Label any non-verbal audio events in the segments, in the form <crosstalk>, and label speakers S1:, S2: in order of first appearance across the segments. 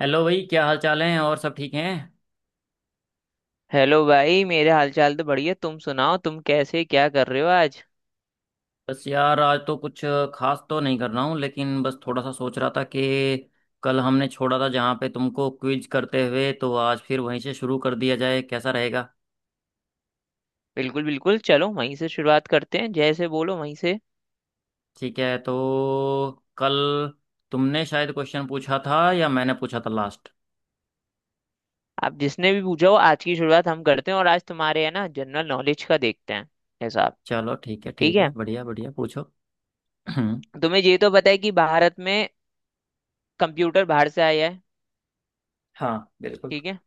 S1: Hello भाई, क्या हाल चाल है और सब ठीक हैं?
S2: हेलो भाई, मेरे हालचाल तो बढ़िया। तुम सुनाओ, तुम कैसे क्या कर रहे हो आज।
S1: बस यार, आज तो कुछ खास तो नहीं कर रहा हूँ, लेकिन बस थोड़ा सा सोच रहा था कि कल हमने छोड़ा था जहाँ पे तुमको क्विज करते हुए, तो आज फिर वहीं से शुरू कर दिया जाए, कैसा रहेगा?
S2: बिल्कुल बिल्कुल, चलो वहीं से शुरुआत करते हैं, जैसे बोलो वहीं से।
S1: ठीक है। तो कल तुमने शायद क्वेश्चन पूछा था, या मैंने पूछा था लास्ट।
S2: आप जिसने भी पूछा हो, आज की शुरुआत हम करते हैं। और आज तुम्हारे है ना जनरल नॉलेज का देखते हैं हिसाब।
S1: चलो ठीक है,
S2: ठीक
S1: ठीक है।
S2: है।
S1: बढ़िया बढ़िया, पूछो। हम्म।
S2: तुम्हें ये तो पता है कि भारत में कंप्यूटर बाहर से आया है।
S1: हाँ बिल्कुल।
S2: ठीक है।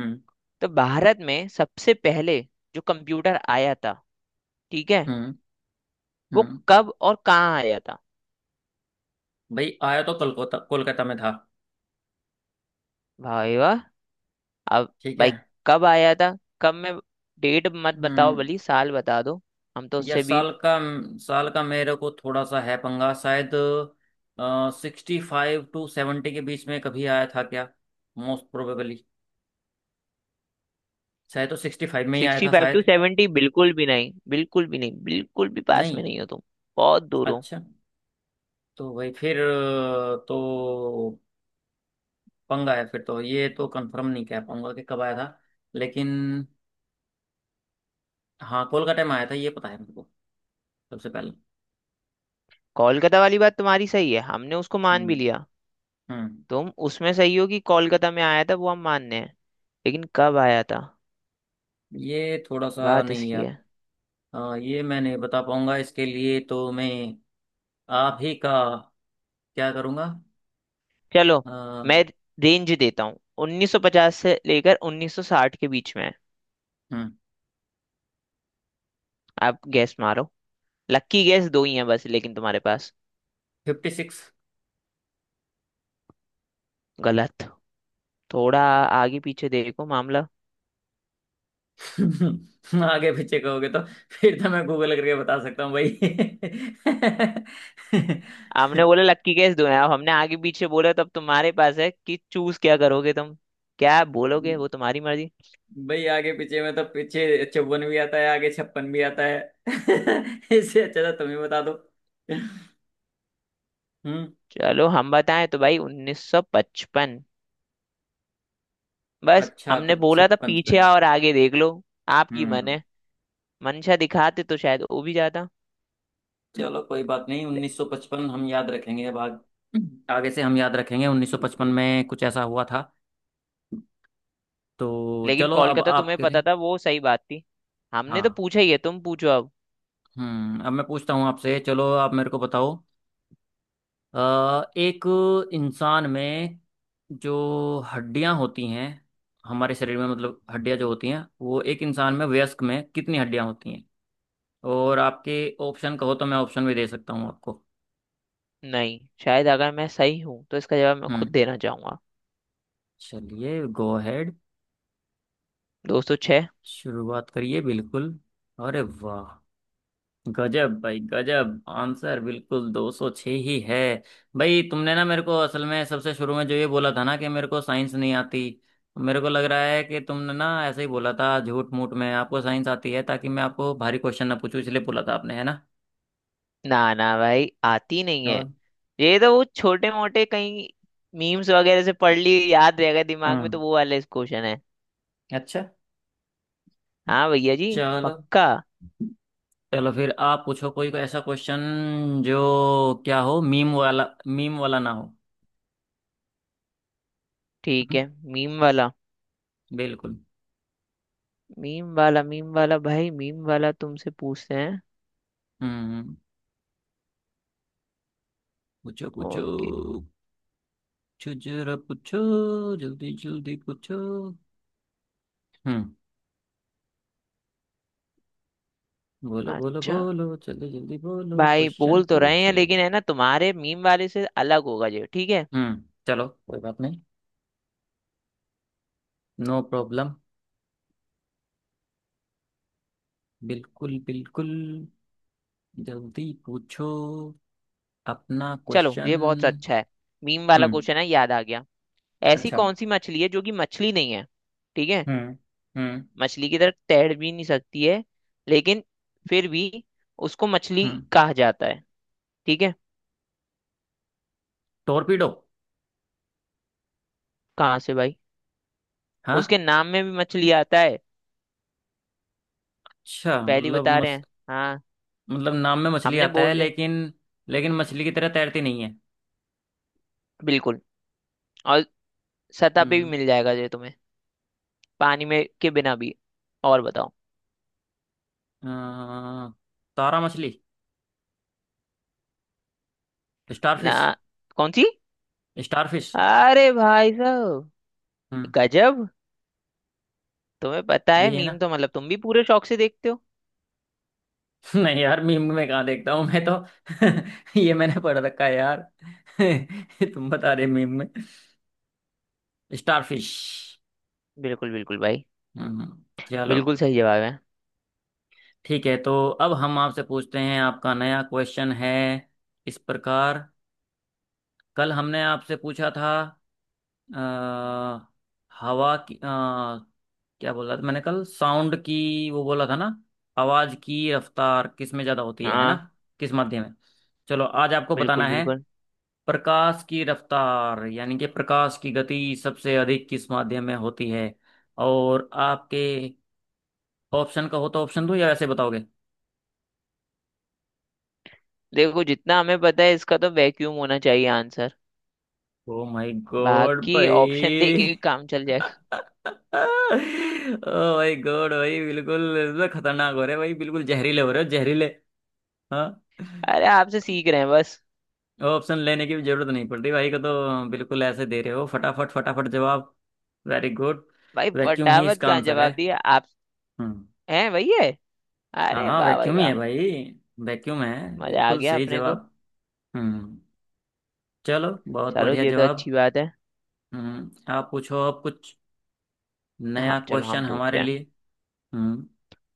S1: हम्म।
S2: तो भारत में सबसे पहले जो कंप्यूटर आया था, ठीक है,
S1: हम्म।
S2: वो
S1: हम्म।
S2: कब और कहाँ आया था।
S1: भाई आया तो कल, कोलकाता, कोलकाता में था।
S2: भाई वाह। अब
S1: ठीक है।
S2: भाई कब आया था, कब मैं, डेट मत बताओ
S1: हम्म।
S2: भली, साल बता दो। हम तो
S1: या
S2: उससे भी,
S1: साल का? साल का मेरे को थोड़ा सा है पंगा, शायद। सिक्सटी फाइव टू सेवेंटी के बीच में कभी आया था क्या? Most probably. शायद तो सिक्सटी फाइव में ही आया
S2: सिक्सटी
S1: था,
S2: फाइव टू
S1: शायद।
S2: सेवेंटी बिल्कुल भी नहीं। बिल्कुल भी नहीं, बिल्कुल भी पास
S1: नहीं।
S2: में नहीं हो तुम। बहुत दूर हो।
S1: अच्छा। तो भाई फिर तो पंगा है फिर। तो ये तो कंफर्म नहीं कह पाऊंगा कि कब आया था। लेकिन हाँ, कोलकाता में आया था, ये पता है मेरे को सबसे पहले।
S2: कोलकाता वाली बात तुम्हारी सही है, हमने उसको मान
S1: हम्म।
S2: भी लिया।
S1: हम्म।
S2: तुम उसमें सही हो कि कोलकाता में आया था, वो हम मानने हैं, लेकिन कब आया था,
S1: ये थोड़ा सा
S2: बात
S1: नहीं
S2: इसकी
S1: यार।
S2: है।
S1: ये मैं नहीं बता पाऊंगा। इसके लिए तो मैं आप ही का क्या करूँगा?
S2: चलो
S1: हम्म।
S2: मैं रेंज देता हूँ, 1950 से लेकर 1960 के बीच में है। आप गैस मारो। लकी गैस दो ही हैं बस, लेकिन तुम्हारे पास।
S1: Fifty six.
S2: गलत। थोड़ा आगे पीछे देखो मामला।
S1: <laughs> आगे पीछे कहोगे तो फिर तो मैं गूगल करके बता सकता हूँ भाई।
S2: हमने बोले लक्की केस दो हैं, अब हमने आगे पीछे बोला, तब तुम्हारे पास है कि चूज क्या करोगे तुम। क्या बोलोगे वो तुम्हारी मर्जी।
S1: <laughs> भाई, आगे पीछे में तो पीछे चौवन भी आता है, आगे छप्पन भी आता है। <laughs> इससे अच्छा था तुम ही बता दो। हम्म।
S2: चलो हम बताएं तो भाई 1955। बस
S1: अच्छा, तो
S2: हमने बोला था
S1: छप्पन
S2: पीछे
S1: छप्पन।
S2: आओ और आगे देख लो। आपकी मन
S1: हम्म।
S2: है, मंशा दिखाते तो शायद वो भी जाता।
S1: चलो कोई बात नहीं,
S2: ले,
S1: 1955 हम याद रखेंगे। अब आगे से हम याद रखेंगे 1955
S2: बिल्कुल।
S1: में कुछ ऐसा हुआ था। तो
S2: लेकिन
S1: चलो, अब
S2: कोलकाता तुम्हें
S1: आपके
S2: पता
S1: लिए।
S2: था, वो सही बात थी। हमने तो
S1: हाँ।
S2: पूछा ही है, तुम पूछो अब।
S1: हम्म, अब मैं पूछता हूँ आपसे। चलो आप मेरे को बताओ। एक इंसान में जो हड्डियां होती हैं हमारे शरीर में, मतलब हड्डियां जो होती हैं वो एक इंसान में, वयस्क में कितनी हड्डियां होती हैं? और आपके ऑप्शन कहो तो मैं ऑप्शन भी दे सकता हूँ आपको।
S2: नहीं, शायद अगर मैं सही हूं तो इसका जवाब मैं खुद
S1: हम्म।
S2: देना चाहूंगा।
S1: चलिए, गो अहेड।
S2: दोस्तों,
S1: शुरुआत करिए बिल्कुल। अरे वाह! गजब भाई, गजब आंसर, बिल्कुल 206 ही है। भाई तुमने ना मेरे को असल में सबसे शुरू में जो ये बोला था ना कि मेरे को साइंस नहीं आती, तो मेरे को लग रहा है कि तुमने ना ऐसे ही बोला था झूठ मूठ में, आपको साइंस आती है, ताकि मैं आपको भारी क्वेश्चन ना पूछूं इसलिए बोला था आपने, है ना?
S2: ना ना भाई, आती नहीं है।
S1: और
S2: ये तो वो छोटे मोटे कहीं मीम्स वगैरह से पढ़ ली, याद रह गए दिमाग में, तो
S1: हम्म।
S2: वो वाला क्वेश्चन है।
S1: अच्छा।
S2: हाँ भैया जी,
S1: चलो।
S2: पक्का।
S1: चलो फिर आप पूछो कोई ऐसा क्वेश्चन, जो क्या हो, मीम वाला, मीम वाला ना हो।
S2: ठीक
S1: हम्म,
S2: है, मीम वाला,
S1: बिल्कुल।
S2: मीम वाला, मीम वाला भाई, मीम वाला तुमसे पूछते हैं।
S1: हम्म। पूछो पूछो।
S2: ओके।
S1: पूछो जरा पूछो। जल्दी जल्दी पूछो। हम्म। बोलो बोलो
S2: अच्छा
S1: बोलो, जल्दी जल्दी बोलो,
S2: भाई,
S1: क्वेश्चन
S2: बोल तो रहे हैं,
S1: पूछो।
S2: लेकिन है ना तुम्हारे मीम वाले से अलग होगा ये, ठीक है।
S1: हम्म, चलो कोई बात नहीं। No problem. बिल्कुल बिल्कुल। जल्दी पूछो अपना
S2: चलो ये
S1: क्वेश्चन।
S2: बहुत अच्छा है, मीम वाला
S1: हम्म।
S2: क्वेश्चन है, याद आ गया। ऐसी
S1: अच्छा।
S2: कौन सी मछली है जो कि मछली नहीं है। ठीक है।
S1: हम्म। हम्म।
S2: मछली की तरह तैर भी नहीं सकती है, लेकिन फिर भी उसको मछली
S1: हम्म।
S2: कहा जाता है। ठीक है।
S1: टोरपीडो।
S2: कहाँ से भाई,
S1: हाँ।
S2: उसके नाम में भी मछली आता है।
S1: अच्छा
S2: पहली
S1: मतलब
S2: बता रहे
S1: मछ
S2: हैं हाँ।
S1: मतलब नाम में मछली
S2: हमने
S1: आता है
S2: बोल दिया।
S1: लेकिन, लेकिन मछली की तरह तैरती नहीं है।
S2: बिल्कुल। और सतह पे भी
S1: हम्म।
S2: मिल जाएगा ये तुम्हें, पानी में के बिना भी। और बताओ।
S1: अ, तारा मछली।
S2: ना।
S1: स्टारफिश।
S2: कौन सी।
S1: स्टारफिश।
S2: अरे भाई साहब,
S1: हम्म।
S2: गजब। तुम्हें पता है
S1: यही है ना?
S2: मीम तो, मतलब तुम भी पूरे शौक से देखते हो।
S1: <laughs> नहीं यार, मीम में कहाँ देखता हूँ मैं तो। <laughs> ये मैंने पढ़ रखा है यार। <laughs> तुम बता रहे मीम में। स्टारफिश।
S2: बिल्कुल बिल्कुल भाई।
S1: हम्म। चलो
S2: बिल्कुल सही जवाब है।
S1: ठीक है। तो अब हम आपसे पूछते हैं, आपका नया क्वेश्चन है इस प्रकार। कल हमने आपसे पूछा था अ, हवा की, क्या बोला था मैंने कल, साउंड की, वो बोला था ना, आवाज की रफ्तार किस में ज्यादा होती है ना?
S2: हाँ
S1: किस माध्यम में? चलो आज आपको बताना
S2: बिल्कुल
S1: है।
S2: बिल्कुल।
S1: प्रकाश की रफ्तार, यानी कि प्रकाश की गति सबसे अधिक किस माध्यम में होती है? और आपके ऑप्शन का हो तो ऑप्शन दूं, या ऐसे बताओगे?
S2: देखो जितना हमें पता है इसका, तो वैक्यूम होना चाहिए आंसर।
S1: ओ माय गॉड
S2: बाकी
S1: भाई!
S2: ऑप्शन दे
S1: <laughs>
S2: के भी काम चल
S1: ओ
S2: जाएगा।
S1: माय गॉड भाई, बिल्कुल इसमें खतरनाक हो रहे भाई, बिल्कुल जहरीले हो रहे हो, जहरीले। हाँ।
S2: अरे आपसे सीख रहे हैं बस।
S1: ऑप्शन लेने की भी जरूरत नहीं पड़ रही भाई को तो, बिल्कुल ऐसे दे रहे हो फटाफट फटाफट जवाब। Very good.
S2: भाई
S1: वैक्यूम ही
S2: फटाफट
S1: इसका
S2: का
S1: आंसर है।
S2: जवाब दिया आप।
S1: हम्म।
S2: हैं वही है।
S1: हाँ
S2: अरे
S1: हाँ,
S2: वाह भाई
S1: वैक्यूम ही है
S2: वाह।
S1: भाई। वैक्यूम है,
S2: मजा आ
S1: बिल्कुल
S2: गया
S1: सही
S2: अपने को।
S1: जवाब। हम्म। चलो बहुत
S2: चलो
S1: बढ़िया
S2: ये तो
S1: जवाब।
S2: अच्छी बात है।
S1: हम्म, आप पूछो अब कुछ
S2: हाँ
S1: नया
S2: चलो
S1: क्वेश्चन
S2: हम
S1: हमारे
S2: पूछते हैं।
S1: लिए। हम्म।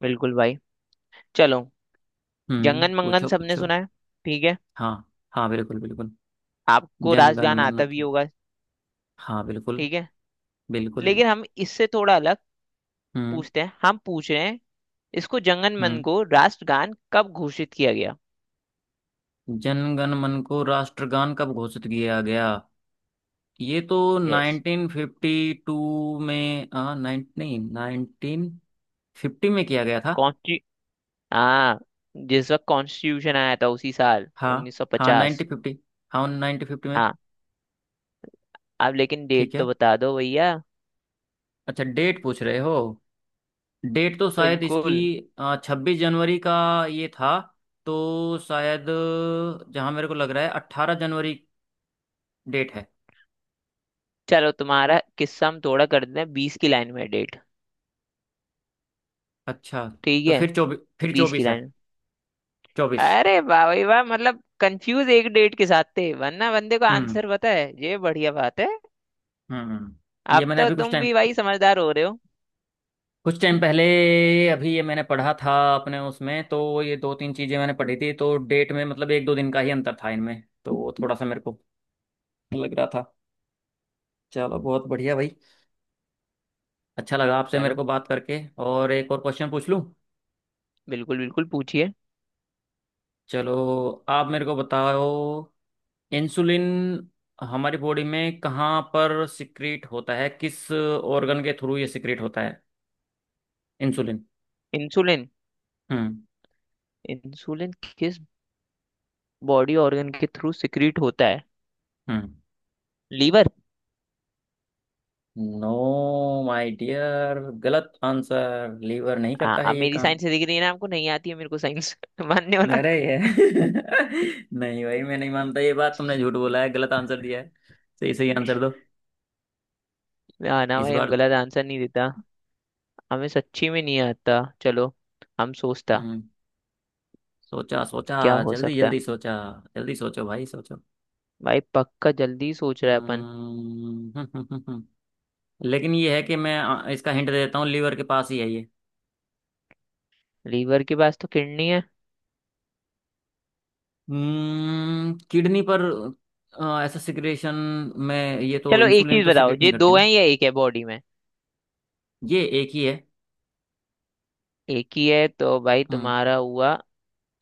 S2: बिल्कुल भाई, चलो।
S1: हम्म।
S2: जंगन मंगन
S1: पूछो
S2: सबने
S1: पूछो।
S2: सुना है, ठीक है।
S1: हाँ हाँ बिल्कुल बिल्कुल।
S2: आपको रास
S1: जनगण
S2: गान
S1: मन
S2: आता भी
S1: अधि-
S2: होगा,
S1: हाँ बिल्कुल।
S2: ठीक है।
S1: बिल्कुल
S2: लेकिन
S1: जी।
S2: हम इससे थोड़ा अलग
S1: हम्म।
S2: पूछते हैं। हम पूछ रहे हैं, इसको जंगन मन
S1: हम्म।
S2: को राष्ट्रगान कब घोषित किया गया।
S1: जनगण मन को राष्ट्रगान कब घोषित किया गया? ये तो
S2: यस।
S1: 1952 में 19 नहीं 1950 में किया गया था।
S2: कौन सी। हाँ, जिस वक्त कॉन्स्टिट्यूशन आया था उसी साल,
S1: हाँ हाँ,
S2: 1950।
S1: 1950। हाँ 1950 में।
S2: हाँ। आप लेकिन डेट
S1: ठीक है।
S2: तो बता दो भैया।
S1: अच्छा डेट पूछ रहे हो? डेट तो शायद इसकी
S2: बिल्कुल।
S1: छब्बीस जनवरी का ये था, तो शायद जहां मेरे को लग रहा है अट्ठारह जनवरी डेट है।
S2: चलो तुम्हारा किस्सा हम थोड़ा कर देते हैं, बीस की लाइन में है डेट।
S1: अच्छा,
S2: ठीक
S1: तो
S2: है।
S1: फिर चौबीस, फिर
S2: बीस की
S1: चौबीस है,
S2: लाइन।
S1: चौबीस।
S2: अरे वाह भाई वाह, मतलब कंफ्यूज एक डेट के साथ थे, वरना बंदे को
S1: हम्म।
S2: आंसर पता है, ये बढ़िया बात है।
S1: हम्म, ये
S2: अब
S1: मैंने
S2: तो
S1: अभी कुछ
S2: तुम
S1: टाइम,
S2: भी भाई समझदार हो रहे हो।
S1: कुछ टाइम पहले अभी ये मैंने पढ़ा था अपने उसमें तो, ये दो तीन चीजें मैंने पढ़ी थी तो डेट में मतलब एक दो दिन का ही अंतर था इनमें, तो वो थोड़ा सा मेरे को लग रहा था। चलो बहुत बढ़िया भाई। अच्छा लगा आपसे मेरे
S2: चलो।
S1: को बात करके। और एक और क्वेश्चन पूछ लूं।
S2: बिल्कुल बिल्कुल, पूछिए।
S1: चलो, आप मेरे को बताओ। इंसुलिन हमारी बॉडी में कहाँ पर सिक्रीट होता है, किस ऑर्गन के थ्रू ये सिक्रीट होता है, इंसुलिन?
S2: इंसुलिन।
S1: हम्म।
S2: इंसुलिन किस बॉडी ऑर्गन के थ्रू सिक्रीट होता है।
S1: हम्म।
S2: लीवर।
S1: नो माय डियर, गलत आंसर। लीवर नहीं करता
S2: हाँ
S1: है
S2: अब
S1: ये
S2: मेरी
S1: काम।
S2: साइंस से दिख रही है ना आपको, नहीं आती है मेरे को साइंस <laughs> मानने हो ना।
S1: अरे ये <laughs> नहीं भाई, मैं नहीं मानता ये बात। तुमने झूठ बोला है, गलत आंसर दिया है। सही सही आंसर दो
S2: ना ना
S1: इस
S2: भाई, हम
S1: बार।
S2: गलत आंसर नहीं देता। हमें सच्ची में नहीं आता। चलो हम सोचता,
S1: हम्म। सोचा सोचा।
S2: क्या हो
S1: जल्दी
S2: सकता है।
S1: जल्दी सोचा। जल्दी सोचो भाई, सोचो।
S2: भाई पक्का जल्दी सोच रहा है अपन।
S1: हम्म। हम्म। <laughs> लेकिन ये है कि मैं इसका हिंट दे देता हूँ, लीवर के पास ही है ये।
S2: लीवर के पास तो किडनी है।
S1: हम्म, किडनी पर ऐसा सिक्रेशन में ये तो,
S2: चलो एक
S1: इंसुलिन
S2: चीज
S1: तो
S2: बताओ,
S1: सिक्रेट नहीं
S2: ये
S1: करती
S2: दो
S1: ना?
S2: है या एक है बॉडी में।
S1: ये एक ही है।
S2: एक ही है तो भाई
S1: हम्म।
S2: तुम्हारा हुआ।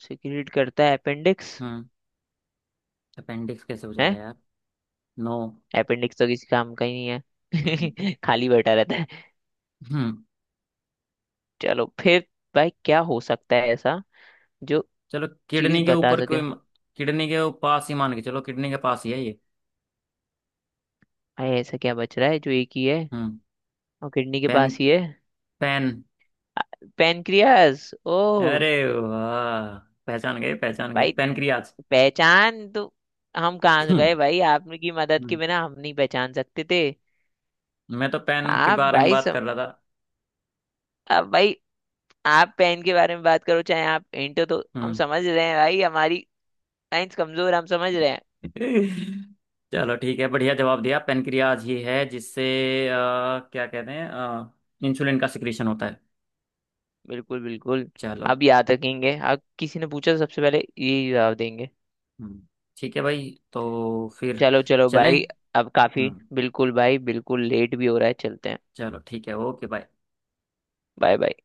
S2: सिक्रीट करता है अपेंडिक्स।
S1: हम्म। अपेंडिक्स कैसे हो जाएगा
S2: है।
S1: यार? नो।
S2: अपेंडिक्स तो किसी काम का ही नहीं
S1: हम्म।
S2: है <laughs> खाली बैठा रहता है।
S1: हम्म।
S2: चलो फिर, भाई क्या हो सकता है ऐसा जो
S1: चलो
S2: चीज
S1: किडनी के
S2: बता
S1: ऊपर
S2: सके।
S1: कोई, किडनी के पास ही मान के चलो, किडनी के पास ही है ये।
S2: अरे ऐसा क्या बच रहा है जो एक ही है
S1: हम्म।
S2: और किडनी के
S1: पेन।
S2: पास ही है।
S1: पेन।
S2: पेनक्रियास ओ।
S1: अरे वाह, पहचान गए पहचान गए,
S2: भाई
S1: पेनक्रियाज।
S2: पहचान तो हम कहाँ
S1: हम्म।
S2: गए, भाई आपकी मदद के बिना हम नहीं पहचान सकते थे।
S1: मैं तो पेन के
S2: आप
S1: बारे में
S2: भाई
S1: बात कर रहा था।
S2: अब भाई आप पेन के बारे में बात करो चाहे आप इंटो, तो हम
S1: हम्म।
S2: समझ रहे हैं भाई हमारी साइंस कमजोर है, हम समझ रहे हैं।
S1: <laughs> चलो ठीक है, बढ़िया जवाब दिया। पेनक्रियाज ही है जिससे अ, क्या कहते हैं, इंसुलिन का सिक्रीशन होता है।
S2: बिल्कुल बिल्कुल।
S1: चलो।
S2: अब याद रखेंगे, अब किसी ने पूछा तो सबसे पहले यही जवाब देंगे।
S1: हम्म, ठीक है भाई। तो फिर
S2: चलो चलो
S1: चलें।
S2: भाई। अब काफी
S1: हम्म।
S2: बिल्कुल भाई, बिल्कुल लेट भी हो रहा है, चलते हैं।
S1: चलो ठीक है, ओके बाय।
S2: Bye bye.